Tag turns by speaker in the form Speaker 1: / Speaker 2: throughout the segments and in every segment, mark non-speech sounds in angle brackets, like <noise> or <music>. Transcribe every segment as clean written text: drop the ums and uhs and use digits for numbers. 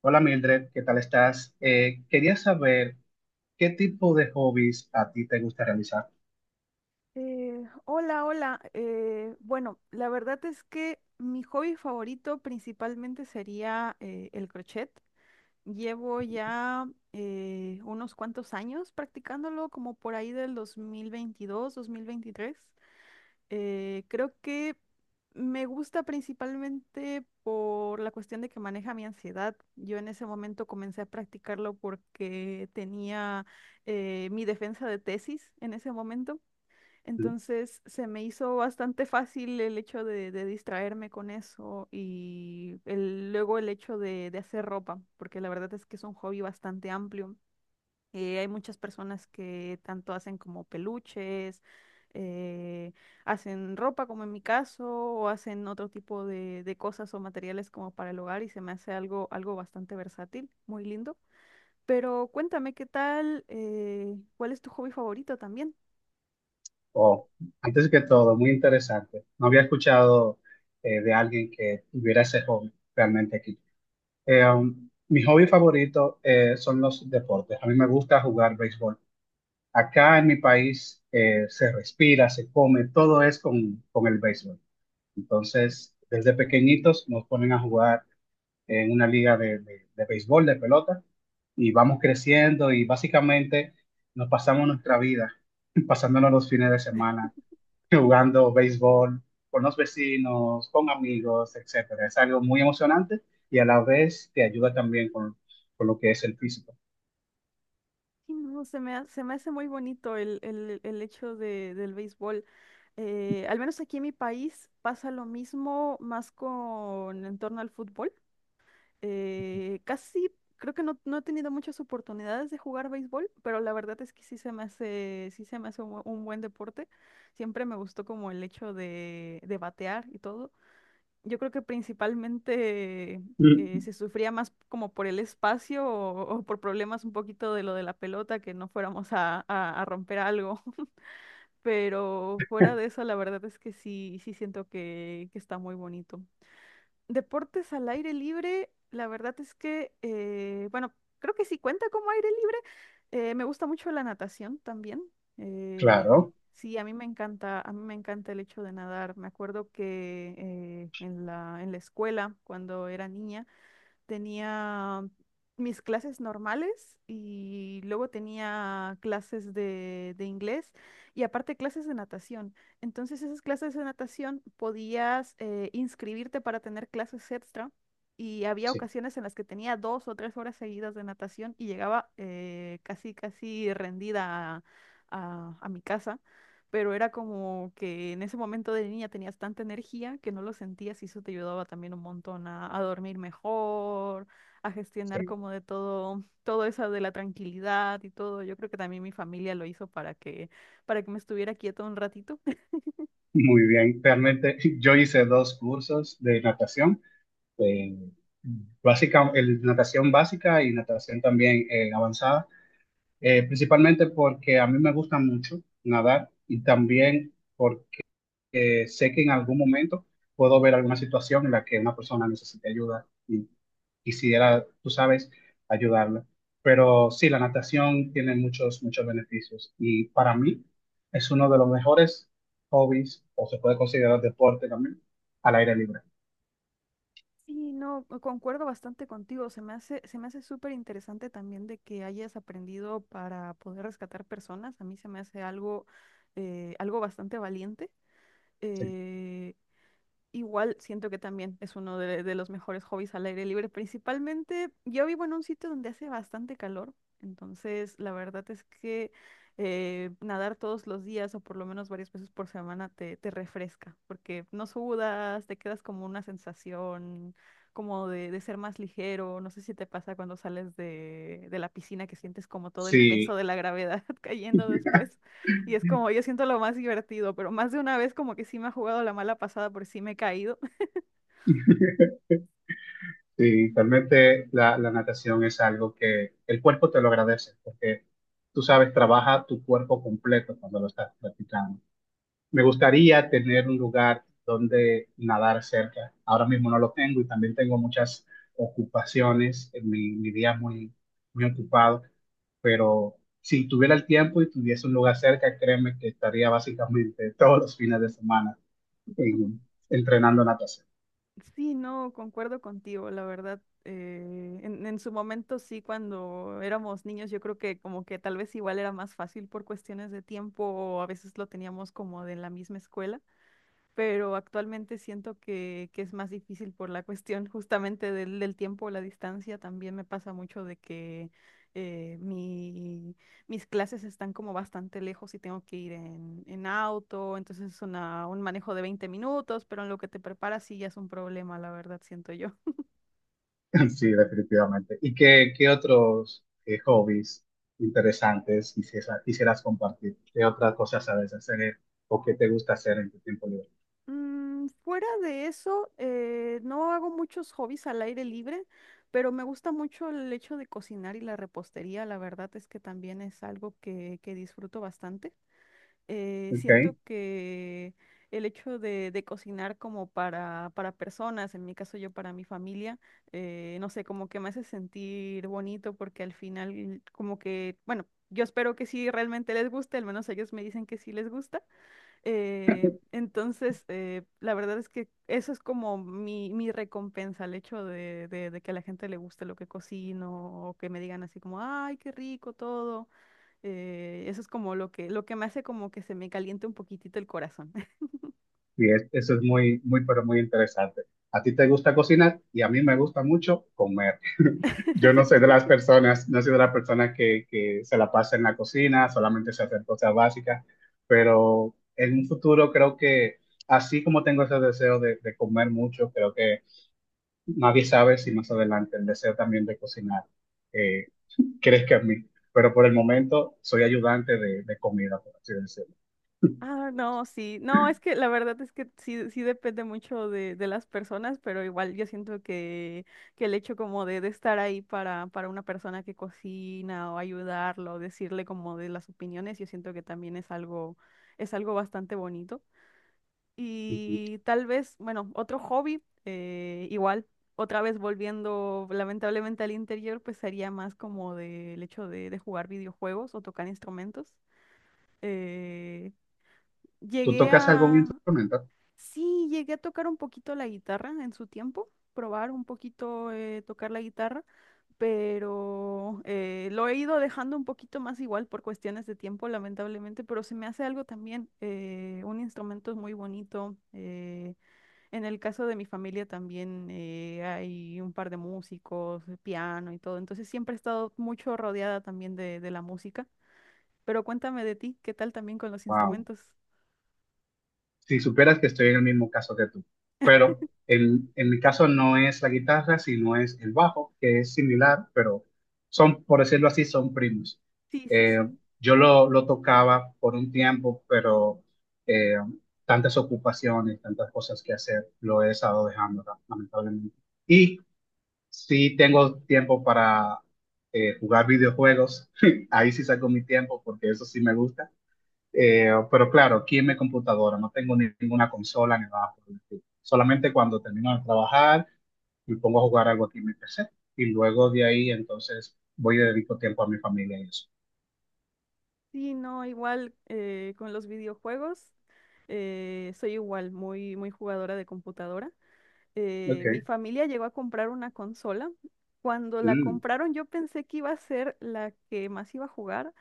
Speaker 1: Hola Mildred, ¿qué tal estás? Quería saber qué tipo de hobbies a ti te gusta realizar.
Speaker 2: Hola, hola. Bueno, la verdad es que mi hobby favorito principalmente sería el crochet. Llevo ya unos cuantos años practicándolo, como por ahí del 2022, 2023. Creo que me gusta principalmente por la cuestión de que maneja mi ansiedad. Yo en ese momento comencé a practicarlo porque tenía mi defensa de tesis en ese momento.
Speaker 1: Mm.
Speaker 2: Entonces se me hizo bastante fácil el hecho de distraerme con eso y luego el hecho de hacer ropa, porque la verdad es que es un hobby bastante amplio. Hay muchas personas que tanto hacen como peluches, eh, hacen ropa como en mi caso, o hacen otro tipo de cosas o materiales como para el hogar y se me hace algo bastante versátil, muy lindo. Pero cuéntame qué tal, ¿cuál es tu hobby favorito también?
Speaker 1: Oh, antes que todo, muy interesante. No había escuchado de alguien que tuviera ese hobby realmente aquí. Mi hobby favorito son los deportes. A mí me gusta jugar béisbol. Acá en mi país se respira, se come, todo es con el béisbol. Entonces, desde pequeñitos nos ponen a jugar en una liga de béisbol, de pelota y vamos creciendo y básicamente nos pasamos nuestra vida <laughs> pasándonos los fines de semana jugando béisbol con los vecinos, con amigos, etcétera. Es algo muy emocionante y a la vez te ayuda también con lo que es el físico.
Speaker 2: Sí, no, se me hace muy bonito el hecho del béisbol. Al menos aquí en mi país pasa lo mismo más con en torno al fútbol. Casi creo que no, no he tenido muchas oportunidades de jugar béisbol, pero la verdad es que sí se me hace, sí se me hace un, un buen deporte. Siempre me gustó como el hecho de batear y todo. Yo creo que principalmente
Speaker 1: Mm.
Speaker 2: se sufría más como por el espacio o por problemas un poquito de lo de la pelota, que no fuéramos a, a romper algo. <laughs> Pero fuera de eso, la verdad es que sí, sí siento que está muy bonito. Deportes al aire libre, la verdad es que, bueno, creo que sí cuenta como aire libre. Me gusta mucho la natación también. eh,
Speaker 1: Claro,
Speaker 2: sí, a mí me encanta, a mí me encanta el hecho de nadar. Me acuerdo que en la escuela, cuando era niña, tenía mis clases normales y luego tenía clases de inglés y aparte clases de natación. Entonces esas clases de natación podías inscribirte para tener clases extra y había
Speaker 1: sí,
Speaker 2: ocasiones en las que tenía dos o tres horas seguidas de natación y llegaba casi, casi rendida a, a mi casa, pero era como que en ese momento de niña tenías tanta energía que no lo sentías y eso te ayudaba también un montón a dormir mejor, a gestionar
Speaker 1: sí.
Speaker 2: como de todo, todo eso de la tranquilidad y todo. Yo creo que también mi familia lo hizo para que me estuviera quieta un ratito. <laughs>
Speaker 1: Muy bien. Realmente <laughs> yo hice dos cursos de natación, eh, básica, natación básica y natación también avanzada. Principalmente porque a mí me gusta mucho nadar y también porque sé que en algún momento puedo ver alguna situación en la que una persona necesite ayuda y quisiera, tú sabes, ayudarla. Pero sí, la natación tiene muchos beneficios y para mí es uno de los mejores hobbies o se puede considerar deporte también al aire libre.
Speaker 2: Sí, no, concuerdo bastante contigo. Se me hace súper interesante también de que hayas aprendido para poder rescatar personas. A mí se me hace algo, algo bastante valiente.
Speaker 1: Sí.
Speaker 2: Eh, Igual siento que también es uno de los mejores hobbies al aire libre. Principalmente, yo vivo en un sitio donde hace bastante calor, entonces la verdad es que nadar todos los días o por lo menos varias veces por semana te, te refresca, porque no sudas, te quedas como una sensación como de ser más ligero. No sé si te pasa cuando sales de la piscina que sientes como todo el peso
Speaker 1: Sí,
Speaker 2: de la gravedad <laughs> cayendo después. Y es como, yo siento lo más divertido, pero más de una vez como que sí me ha jugado la mala pasada por sí me he caído. <laughs>
Speaker 1: Sí, realmente la natación es algo que el cuerpo te lo agradece, porque tú sabes, trabaja tu cuerpo completo cuando lo estás practicando. Me gustaría tener un lugar donde nadar cerca. Ahora mismo no lo tengo y también tengo muchas ocupaciones, en mi día es muy, muy ocupado, pero si tuviera el tiempo y tuviese un lugar cerca, créeme que estaría básicamente <laughs> todos los fines de semana en- entrenando natación.
Speaker 2: Sí, no, concuerdo contigo, la verdad. En su momento sí, cuando éramos niños, yo creo que como que tal vez igual era más fácil por cuestiones de tiempo o a veces lo teníamos como de la misma escuela. Pero actualmente siento que es más difícil por la cuestión justamente del, del tiempo, la distancia. También me pasa mucho de que eh, mi- mis clases están como bastante lejos y tengo que ir en auto, entonces es un manejo de 20 minutos, pero en lo que te preparas sí ya es un problema, la verdad, siento yo.
Speaker 1: <laughs> Sí, definitivamente. ¿Y qué otros hobbies interesantes quisieras compartir? ¿Qué otras cosas sabes hacer o qué te gusta hacer en tu tiempo libre?
Speaker 2: Mm, fuera de eso, no hago muchos hobbies al aire libre, pero me gusta mucho el hecho de cocinar y la repostería. La verdad es que también es algo que disfruto bastante. Siento
Speaker 1: Ok,
Speaker 2: que el hecho de cocinar como para personas, en mi caso yo para mi familia, no sé, como que me hace sentir bonito porque al final como que, bueno, yo espero que sí realmente les guste, al menos ellos me dicen que sí les gusta. Entonces, la verdad es que eso es como mi recompensa, el hecho de, de que a la gente le guste lo que cocino o que me digan así como, ay, qué rico todo. Eso es como lo que me hace como que se me caliente un poquitito el corazón.
Speaker 1: eso es muy, pero muy interesante. A ti te gusta cocinar y a mí me gusta mucho comer. <laughs> Yo no soy de
Speaker 2: <laughs>
Speaker 1: las personas, no soy de las personas que se la pasa en la cocina, solamente se hacer cosas básicas, pero en un futuro creo que así como tengo ese deseo de comer mucho, creo que nadie sabe si más adelante el deseo también de cocinar eh, crezca en mí, pero por el momento soy ayudante de comida, por así decirlo.
Speaker 2: Ah, no, sí. No, es que la verdad es que sí, sí depende mucho de las personas, pero igual yo siento que el hecho como de estar ahí para una persona que cocina o ayudarlo, decirle como de las opiniones, yo siento que también es algo bastante bonito.
Speaker 1: Ujú.
Speaker 2: Y tal vez, bueno, otro hobby, igual, otra vez volviendo lamentablemente al interior, pues sería más como del hecho de jugar videojuegos o tocar instrumentos. Eh,
Speaker 1: ¿Tú
Speaker 2: Llegué
Speaker 1: tocas algún
Speaker 2: a,
Speaker 1: instrumento?
Speaker 2: Sí, llegué a tocar un poquito la guitarra en su tiempo, probar un poquito tocar la guitarra, pero lo he ido dejando un poquito más igual por cuestiones de tiempo, lamentablemente, pero se me hace algo también, un instrumento es muy bonito. En el caso de mi familia también hay un par de músicos, piano y todo, entonces siempre he estado mucho rodeada también de la música, pero cuéntame de ti, ¿qué tal también con los
Speaker 1: Wow.
Speaker 2: instrumentos?
Speaker 1: Si superas que estoy en el mismo caso que tú. Pero en mi caso no es la guitarra, sino es el bajo, que es similar, pero son, por decirlo así, son primos.
Speaker 2: Sí, sí,
Speaker 1: Eh,
Speaker 2: sí.
Speaker 1: yo lo tocaba por un tiempo, pero eh, tantas ocupaciones, tantas cosas que hacer, lo he estado dejando, lamentablemente. Y si tengo tiempo para jugar videojuegos, <laughs> ahí sí saco mi tiempo, porque eso sí me gusta pero claro, aquí en mi computadora no tengo ninguna consola ni nada por el estilo. Solamente cuando termino de trabajar me pongo a jugar algo aquí en mi PC. Y luego de ahí entonces voy y dedico tiempo a mi familia y eso.
Speaker 2: Sí, no, igual con los videojuegos, soy igual, muy, muy jugadora de computadora. Mi
Speaker 1: Ok.
Speaker 2: familia llegó a comprar una consola. Cuando la
Speaker 1: Mm.
Speaker 2: compraron, yo pensé que iba a ser la que más iba a jugar,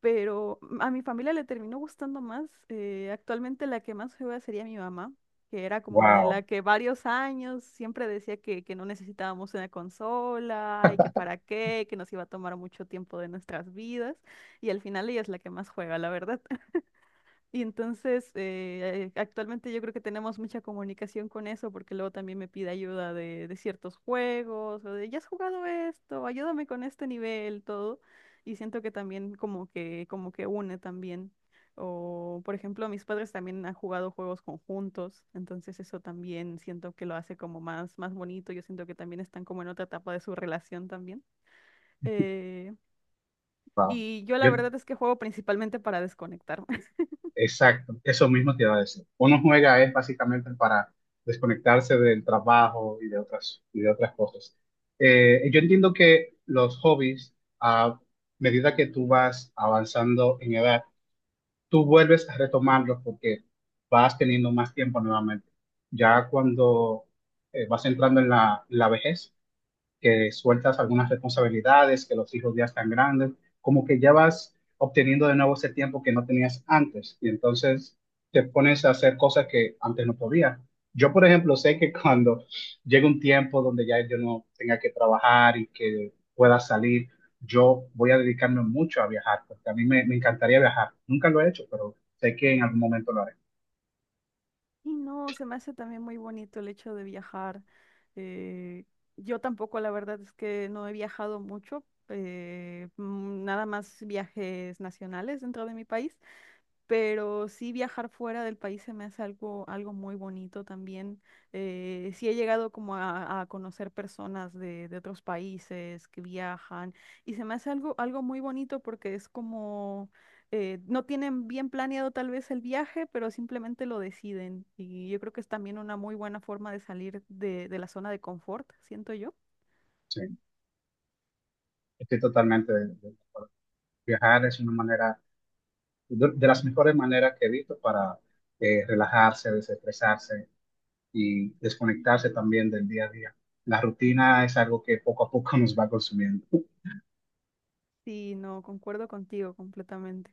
Speaker 2: pero a mi familia le terminó gustando más. Actualmente la que más juega sería mi mamá, que era como de la
Speaker 1: Wow,
Speaker 2: que varios años siempre decía que no necesitábamos una consola y que para qué, que nos iba a tomar mucho tiempo de nuestras vidas. Y al final ella es la que más juega, la verdad. Entonces, actualmente yo creo que tenemos mucha comunicación con eso, porque luego también me pide ayuda de ciertos juegos, o de, ya has jugado esto, ayúdame con este nivel, todo. Y siento que también como que une también. O, por ejemplo, mis padres también han jugado juegos conjuntos, entonces eso también siento que lo hace como más, más bonito. Yo siento que también están como en otra etapa de su relación también. Eh,
Speaker 1: wow.
Speaker 2: y yo la
Speaker 1: Yo,
Speaker 2: verdad es que juego principalmente para desconectar.
Speaker 1: exacto, eso mismo te iba a decir. Uno juega es básicamente para desconectarse del trabajo y de otras cosas. Yo entiendo que los hobbies, a medida que tú vas avanzando en edad, tú vuelves a retomarlos porque vas teniendo más tiempo nuevamente. Ya cuando vas entrando en la vejez, que sueltas algunas responsabilidades, que los hijos ya están grandes, como que ya vas obteniendo de nuevo ese tiempo que no tenías antes y entonces te pones a hacer cosas que antes no podías. Yo, por ejemplo, sé que <laughs> cuando llegue un tiempo donde ya yo no tenga que trabajar y que pueda salir, yo voy a dedicarme mucho a viajar, porque a mí me encantaría viajar. Nunca lo he hecho, pero sé que en algún momento lo haré.
Speaker 2: Y no, se me hace también muy bonito el hecho de viajar. Eh, yo tampoco, la verdad es que no he viajado mucho, nada más viajes nacionales dentro de mi país, pero sí viajar fuera del país se me hace algo, algo muy bonito también. Sí he llegado como a conocer personas de otros países que viajan y se me hace algo, algo muy bonito porque es como, no tienen bien planeado tal vez el viaje, pero simplemente lo deciden y yo creo que es también una muy buena forma de salir de la zona de confort, siento yo.
Speaker 1: Sí, estoy totalmente de acuerdo. Viajar es una manera de las mejores maneras que he visto para relajarse, desestresarse y desconectarse también del día a día. La rutina es algo que poco a poco <laughs> nos va consumiendo.
Speaker 2: Sí, no, concuerdo contigo completamente.